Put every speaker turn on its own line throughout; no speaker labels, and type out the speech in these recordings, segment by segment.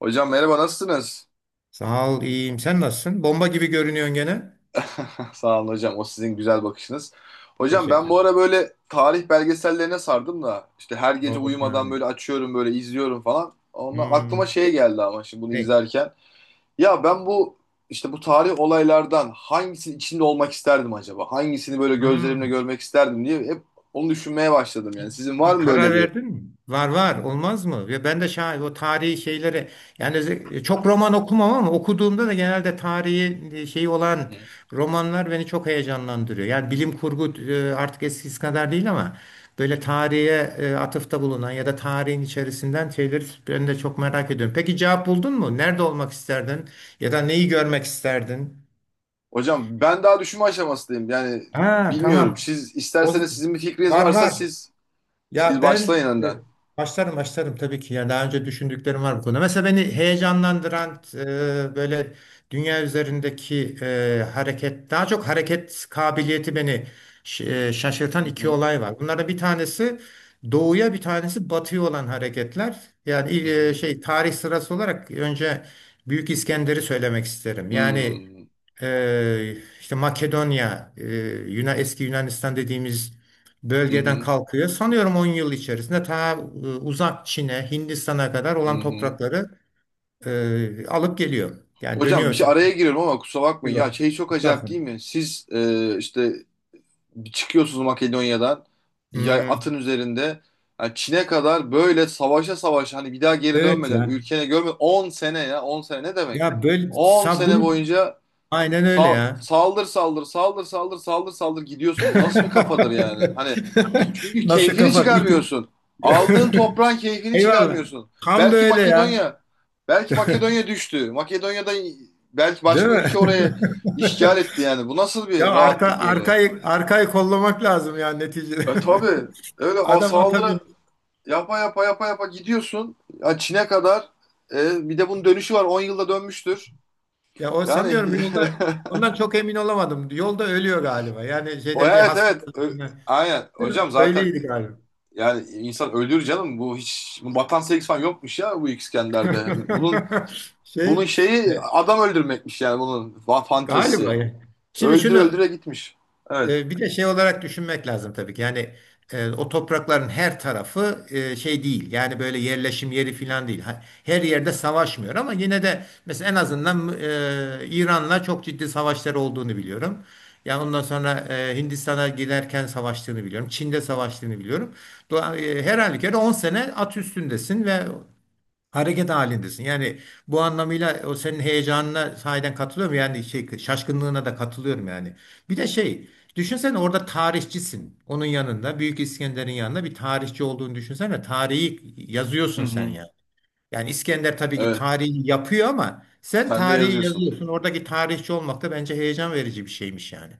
Hocam merhaba nasılsınız?
Sağ ol, iyiyim. Sen nasılsın? Bomba gibi görünüyorsun gene.
Sağ olun hocam, o sizin güzel bakışınız. Hocam ben
Teşekkür
bu
ederim.
ara böyle tarih belgesellerine sardım da işte her gece
Oh,
uyumadan
yani.
böyle açıyorum, böyle izliyorum falan. Ondan aklıma
Hmm.
şey geldi ama şimdi bunu
Ne?
izlerken. Ya ben bu işte bu tarih olaylardan hangisinin içinde olmak isterdim acaba? Hangisini böyle gözlerimle
Hmm.
görmek isterdim diye hep onu düşünmeye başladım yani. Sizin var
Bir
mı
karar
böyle bir?
verdin mi? Var var olmaz mı? Ve ben de şahit o tarihi şeylere yani çok roman okumam ama okuduğumda da genelde tarihi şeyi
Hı
olan
hı.
romanlar beni çok heyecanlandırıyor. Yani bilim kurgu artık eskisi kadar değil ama böyle tarihe atıfta bulunan ya da tarihin içerisinden şeyleri ben de çok merak ediyorum. Peki cevap buldun mu? Nerede olmak isterdin? Ya da neyi görmek isterdin?
Hocam ben daha düşünme aşamasındayım yani
Ha,
bilmiyorum.
tamam.
Siz
O,
isterseniz, sizin bir fikriniz
var
varsa
var.
siz
Ya ben
başlayın önden.
başlarım başlarım tabii ki. Yani daha önce düşündüklerim var bu konuda. Mesela beni heyecanlandıran böyle dünya üzerindeki hareket, daha çok hareket kabiliyeti beni şaşırtan
Hı
iki
hı,
olay var. Bunlardan bir tanesi doğuya, bir tanesi batıya olan hareketler.
hı
Yani
hı,
şey tarih sırası olarak önce Büyük İskender'i söylemek isterim. Yani
hmm,
işte eski Yunanistan dediğimiz
hı
bölgeden
hı,
kalkıyor. Sanıyorum 10 yıl içerisinde ta uzak Çin'e, Hindistan'a kadar
hı
olan
hı.
toprakları alıp geliyor. Yani
Hocam bir şey
dönüyorsa.
araya giriyorum ama kusura
Bir
bakmayın. Ya
bak,
şey, çok acayip
Mustafa.
değil mi? Siz işte çıkıyorsunuz Makedonya'dan, yay atın
Hmm.
üzerinde, yani Çin'e kadar böyle savaşa savaşa, hani bir daha geri
Evet
dönmeden,
ya.
ülkene görmeden 10 sene, ya 10 sene ne demek?
Ya böyle
10 sene
sabun
boyunca
aynen öyle ya.
saldır saldır saldır saldır saldır saldır gidiyorsun. Bu nasıl bir kafadır yani? Hani çünkü
Nasıl
keyfini
kafa?
çıkarmıyorsun. Aldığın toprağın keyfini
Eyvallah.
çıkarmıyorsun.
Tam da
Belki
öyle ya.
Makedonya, belki Makedonya düştü. Makedonya'da belki
Değil
başka
mi?
ülke oraya işgal etti yani. Bu nasıl
Ya
bir
arka
rahatlık böyle?
arkayı arkayı kollamak lazım yani neticede.
E tabii.
Adam ata
Saldırı
bin.
yapa yapa yapa yapa gidiyorsun. Ya Çin'e kadar. E, bir de bunun dönüşü var. 10 yılda dönmüştür.
Ya o
Yani
sanıyorum yolda ondan çok emin olamadım. Yolda ölüyor galiba. Yani
o,
şeyden bir
evet evet.
hastalık.
Aynen. Hocam zaten
Öyleydi galiba.
yani insan ölür canım. Bu hiç bu vatan sevgisi falan yokmuş ya, bu İskender'de. Bunun, bunun
Şey e,
şeyi adam öldürmekmiş yani, fantazisi.
galiba, ya. Şimdi
Öldür
şunu.
öldüre gitmiş. Evet.
Bir de şey olarak düşünmek lazım tabii ki. Yani o toprakların her tarafı şey değil. Yani böyle yerleşim yeri falan değil. Her yerde savaşmıyor ama yine de mesela en azından İran'la çok ciddi savaşları olduğunu biliyorum. Yani ondan sonra Hindistan'a giderken savaştığını biliyorum. Çin'de savaştığını biliyorum. Her halükarda 10 sene at üstündesin ve hareket halindesin. Yani bu anlamıyla o senin heyecanına sahiden katılıyorum. Yani şey, şaşkınlığına da katılıyorum yani. Bir de şey, düşünsene orada tarihçisin. Onun yanında, Büyük İskender'in yanında bir tarihçi olduğunu düşünsene. Tarihi
Hı
yazıyorsun sen
hı.
ya. Yani İskender tabii ki
Evet.
tarihi yapıyor ama sen
Sen de
tarihi
yazıyorsun.
yazıyorsun. Oradaki tarihçi olmak da bence heyecan verici bir şeymiş yani.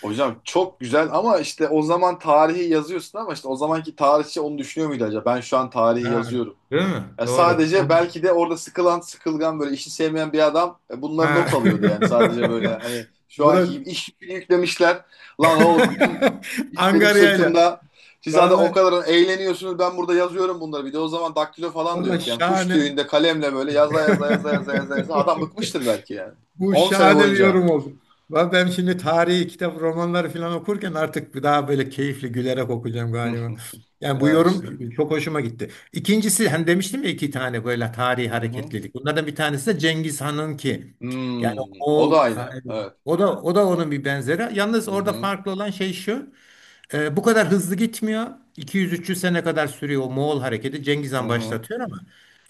Hocam çok güzel ama işte o zaman tarihi yazıyorsun, ama işte o zamanki tarihçi onu düşünüyor muydu acaba? Ben şu an tarihi
Ha,
yazıyorum.
değil mi?
Ya
Doğru.
sadece belki de orada sıkılan, sıkılgan, böyle işi sevmeyen bir adam bunları
Ha.
not alıyordu yani, sadece böyle hani şu
Bu
anki
da
gibi iş yükünü yüklemişler. Lan oğlum bütün iş benim
angaryayla.
sırtımda. Siz zaten o
Vallahi
kadar eğleniyorsunuz, ben burada yazıyorum bunları. Bir de o zaman daktilo falan da
Valla
yok yani. Kuş
şahane.
tüyünde kalemle böyle yaza yaza yaza yaza yaza yaza. Adam bıkmıştır belki yani.
Bu
10 sene
şahane bir
boyunca.
yorum oldu. Ben şimdi tarihi kitap, romanları falan okurken artık bir daha böyle keyifli gülerek okuyacağım
Hı
galiba.
hı.
Yani bu
Yani işte.
yorum çok hoşuma gitti. İkincisi hem demiştim ya iki tane böyle tarihi
Hı hı.
hareketlilik. Bunlardan bir tanesi de Cengiz Han'ın ki. Yani
Hmm. O da
Moğol,
aynı. Evet.
o da onun bir benzeri. Yalnız
Hı
orada
hı.
farklı olan şey şu. Bu kadar hızlı gitmiyor. 200-300 sene kadar sürüyor o Moğol hareketi. Cengiz
Hı
Han
hı.
başlatıyor ama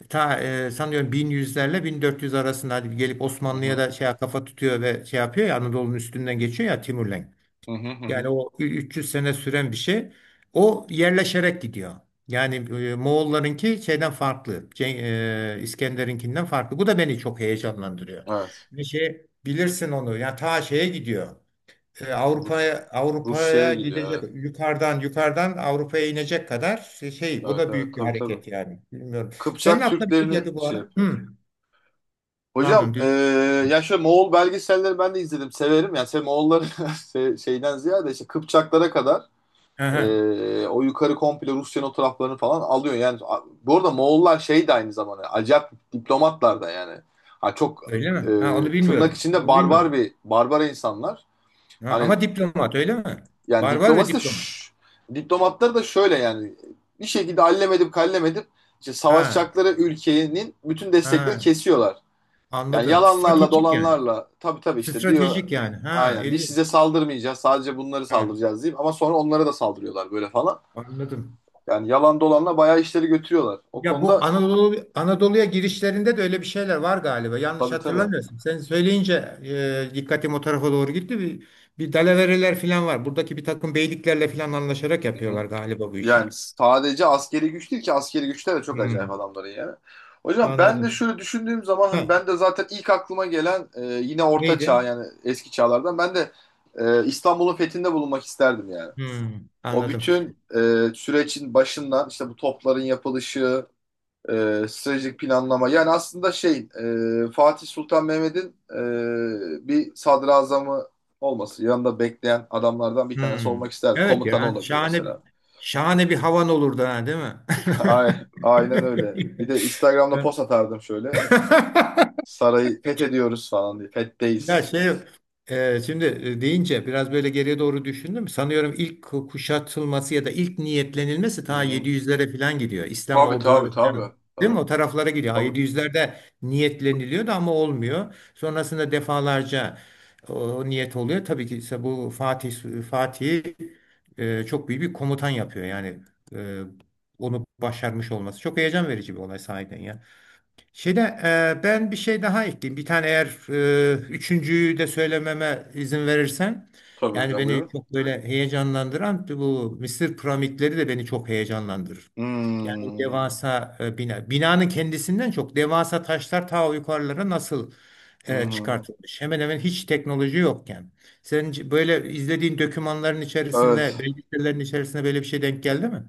ta sanıyorum 1100'lerle 1400 arasında hadi gelip
Hı
Osmanlı'ya
hı.
da şey kafa tutuyor ve şey yapıyor ya Anadolu'nun üstünden geçiyor ya Timurlenk.
Hı hı. Hı
Yani
hı.
o 300 sene süren bir şey. O yerleşerek gidiyor. Yani Moğollarınki şeyden farklı. İskender'inkinden farklı. Bu da beni çok heyecanlandırıyor.
Evet.
Bir şey bilirsin onu. Yani ta şeye gidiyor
Rus
Avrupa'ya,
Rusya'ya gidiyor,
Gidecek,
evet.
yukarıdan yukarıdan Avrupa'ya inecek kadar şey şey, o
Evet
da
evet,
büyük bir
tabii tabii.
hareket yani bilmiyorum. Senin
Kıpçak
aklına bir şey
Türklerini
geldi bu
şey
ara?
yapıyor.
Hı,
Hocam
pardon.
ya şöyle, Moğol belgeselleri ben de izledim, severim. Yani Moğolları şeyden ziyade işte Kıpçaklara kadar,
Aha,
o yukarı komple Rusya'nın o taraflarını falan alıyor. Yani bu arada Moğollar şey de aynı zamanda acayip diplomatlar da yani. Ha, çok
öyle mi? Ha, onu
tırnak
bilmiyorum.
içinde
Onu
barbar,
bilmiyorum.
bir barbara insanlar.
Ha,
Hani
ama diplomat öyle mi?
yani
Barbar ve
diplomasi de,
diplomat.
diplomatları da şöyle yani, bir şekilde allemedim kallemedim işte
Ha,
savaşacakları ülkenin bütün desteklerini
ha,
kesiyorlar. Yani
anladım.
yalanlarla
Stratejik yani.
dolanlarla, tabii tabii, işte diyor
Stratejik yani. Ha,
aynen biz size
ilginç.
saldırmayacağız, sadece bunları
Ha,
saldıracağız diyeyim, ama sonra onlara da saldırıyorlar böyle falan.
anladım.
Yani yalan dolanla bayağı işleri götürüyorlar. O
Ya bu
konuda
Anadolu'ya girişlerinde de öyle bir şeyler var galiba. Yanlış
tabii tabii.
hatırlamıyorsun. Sen söyleyince dikkatim o tarafa doğru gitti. Bir dalavereler falan var. Buradaki bir takım beyliklerle falan anlaşarak
Hı hı.
yapıyorlar galiba bu işi.
Yani sadece askeri güç değil ki, askeri güçler de çok acayip
Hmm,
adamların yani. Hocam ben de
anladım.
şöyle düşündüğüm zaman, hani
Ha,
ben de zaten ilk aklıma gelen yine orta çağ,
neydi?
yani eski çağlardan ben de İstanbul'un fethinde bulunmak isterdim yani.
Hmm,
O
anladım.
bütün sürecin başından işte, bu topların yapılışı, stratejik planlama, yani aslında şey, Fatih Sultan Mehmet'in bir sadrazamı olması, yanında bekleyen adamlardan bir tanesi
Hmm.
olmak isterdim.
Evet
Komutanı
ya,
olabilir mesela.
şahane bir havan olurdu ha, değil mi?
Ay- Aynen öyle. Bir de Instagram'da
Ya.
post atardım şöyle. Sarayı fethediyoruz falan diye.
Ya
Fetteyiz.
şey, şimdi deyince biraz böyle geriye doğru düşündüm. Sanıyorum ilk kuşatılması ya da ilk niyetlenilmesi
Hı
ta
hı.
700'lere falan gidiyor. İslam
Tabii tabii
orduları
tabii.
falan değil
Tabii
mi? O taraflara gidiyor. Ha,
tabii.
700'lerde niyetleniliyordu ama olmuyor. Sonrasında defalarca o niyet oluyor. Tabii ki ise bu Fatih çok büyük bir komutan yapıyor. Yani e, onu başarmış olması. Çok heyecan verici bir olay sahiden ya. Şimdi ben bir şey daha ekleyeyim. Bir tane, eğer üçüncüyü de söylememe izin verirsen.
Tabii
Yani
hocam,
beni
buyurun.
çok böyle heyecanlandıran bu Mısır piramitleri de beni çok heyecanlandırır. Yani o
Hmm.
devasa bina. Binanın kendisinden çok devasa taşlar ta o yukarılara nasıl
Hı hı.
çıkartılmış. Hemen hemen hiç teknoloji yokken. Sen böyle izlediğin dokümanların içerisinde,
Evet.
belgesellerin içerisinde böyle bir şey denk geldi mi?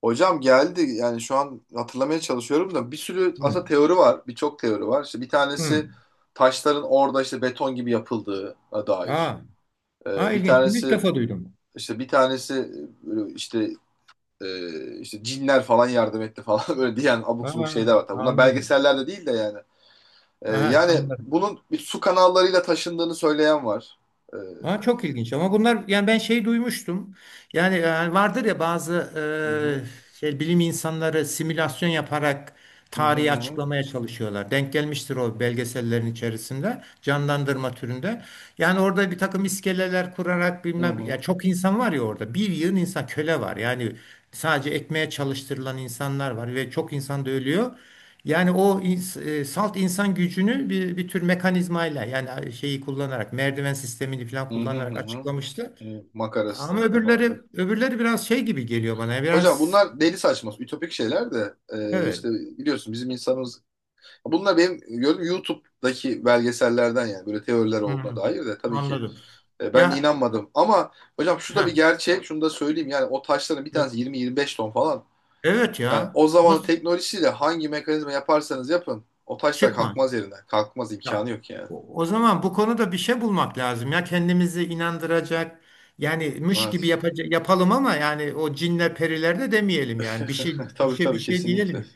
Hocam geldi. Yani şu an hatırlamaya çalışıyorum da, bir sürü
Hı.
aslında teori var. Birçok teori var. İşte bir
Hı.
tanesi taşların orada işte beton gibi yapıldığına dair.
Aa, aa,
Bir
ilginç. Bunu ilk
tanesi
defa duydum.
işte bir tanesi e, işte işte Cinler falan yardım etti falan böyle diyen abuk subuk
Aa,
şeyler var. Tabii bunlar
anladım.
belgesellerde değil de yani.
Aha,
Yani
anladım.
bunun bir su kanallarıyla taşındığını söyleyen var. Hı
Aa, çok ilginç ama bunlar yani ben şey duymuştum. Yani vardır ya bazı
hı,
şey bilim insanları simülasyon yaparak
hı hı, hı
tarihi
hı,
açıklamaya çalışıyorlar. Denk gelmiştir o belgesellerin içerisinde canlandırma türünde. Yani orada bir takım iskeleler kurarak
hı
bilmem ya,
hı,
çok insan var ya orada. Bir yığın insan, köle var. Yani sadece ekmeğe çalıştırılan insanlar var ve çok insan da ölüyor. Yani salt insan gücünü bir tür mekanizmayla yani şeyi kullanarak merdiven sistemini falan
hı hı, hı
kullanarak
hı,
açıklamıştı.
hı, makara
Ama
sistemi falan bak.
öbürleri biraz şey gibi geliyor bana.
Hocam
Biraz,
bunlar deli saçma, ütopik şeyler de işte
evet.
biliyorsun bizim insanımız, bunlar benim gördüğüm YouTube'daki belgesellerden yani, böyle teoriler olduğuna
Hı-hı.
dair de tabii ki.
Anladım.
E, ben de
Ya
inanmadım. Ama hocam şu
ha,
da bir gerçek. Şunu da söyleyeyim. Yani o taşların bir tanesi 20-25 ton falan.
evet
Yani
ya.
o zamanın
Nasıl
teknolojisiyle hangi mekanizma yaparsanız yapın, o taşlar
çıkma?
kalkmaz yerinden. Kalkmaz,
Ya
imkanı yok yani.
o zaman bu konuda bir şey bulmak lazım ya, kendimizi inandıracak. Yani mış gibi
Evet.
yapacak yapalım ama yani o cinler periler de demeyelim yani. Bir şey bir
Tabii
şey bir
tabii,
şey
kesinlikle.
diyelim.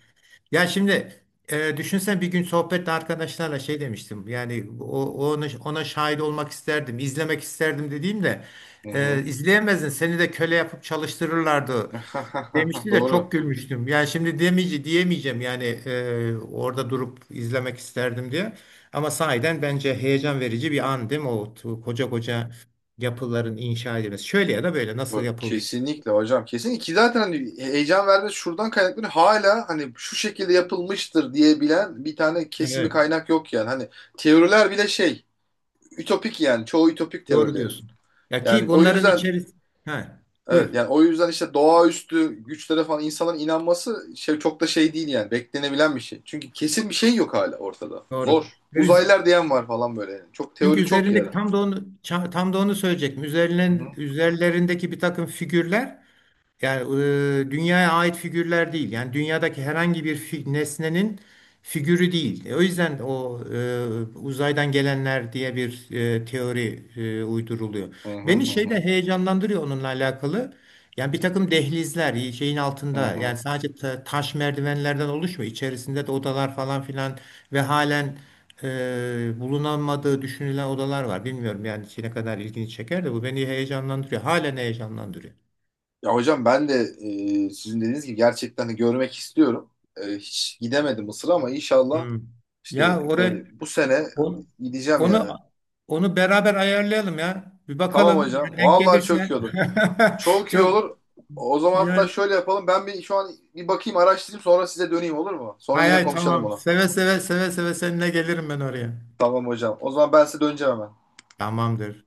Ya şimdi düşünsen bir gün sohbette arkadaşlarla şey demiştim. Yani ona şahit olmak isterdim, izlemek isterdim dediğimde
Hı hı.
izleyemezdin. Seni de köle yapıp çalıştırırlardı demişti de
Doğru.
çok gülmüştüm. Yani şimdi diyemeyeceğim yani orada durup izlemek isterdim diye. Ama sahiden bence heyecan verici bir an, değil mi? O koca koca yapıların inşa edilmesi. Şöyle ya da böyle nasıl yapıldı?
Kesinlikle hocam. Kesinlikle ki zaten hani heyecan vermesi şuradan kaynaklanıyor. Hala hani şu şekilde yapılmıştır diyebilen bir tane kesimi,
Evet,
kaynak yok yani. Hani teoriler bile ütopik yani. Çoğu ütopik
doğru
teorilerin.
diyorsun. Ya
Yani
ki
o
bunların
yüzden
içerisinde. Ha,
evet,
buyur.
yani o yüzden işte doğaüstü güçlere falan insanların inanması şey, çok da şey değil yani, beklenebilen bir şey. Çünkü kesin bir şey yok hala ortada.
Doğru.
Zor.
Ve üz-
Uzaylılar diyen var falan böyle yani. Çok
Çünkü
teori çok yani.
üzerindeki tam da onu söyleyecektim.
Hı hı.
Üzerlerindeki bir takım figürler yani dünyaya ait figürler değil. Yani dünyadaki herhangi bir nesnenin figürü değil. O yüzden uzaydan gelenler diye bir teori uyduruluyor.
Hı hı
Beni
hı
şey de
hı.
heyecanlandırıyor onunla alakalı. Yani bir takım dehlizler şeyin
Hı
altında,
hı.
yani sadece taş merdivenlerden oluşmuyor. İçerisinde de odalar falan filan ve halen bulunamadığı düşünülen odalar var. Bilmiyorum yani ne kadar ilgini çeker de bu beni heyecanlandırıyor. Halen heyecanlandırıyor.
Ya hocam ben de sizin dediğiniz gibi gerçekten de görmek istiyorum. E, hiç gidemedim Mısır'a ama inşallah
Hmm. Ya
işte yani
oraya,
bu sene
on-
gideceğim yani.
onu, beraber ayarlayalım ya. Bir
Tamam
bakalım
hocam.
ya, denk
Vallahi çok iyi
gelirse.
olur. Çok iyi
Çok.
olur. O zaman
Ya,
hatta şöyle yapalım. Ben bir şu an bir bakayım, araştırayım, sonra size döneyim, olur mu? Sonra
hay
yine
hay,
konuşalım
tamam.
bunu.
Seve seve seve seve seninle gelirim ben oraya.
Tamam hocam. O zaman ben size döneceğim hemen.
Tamamdır.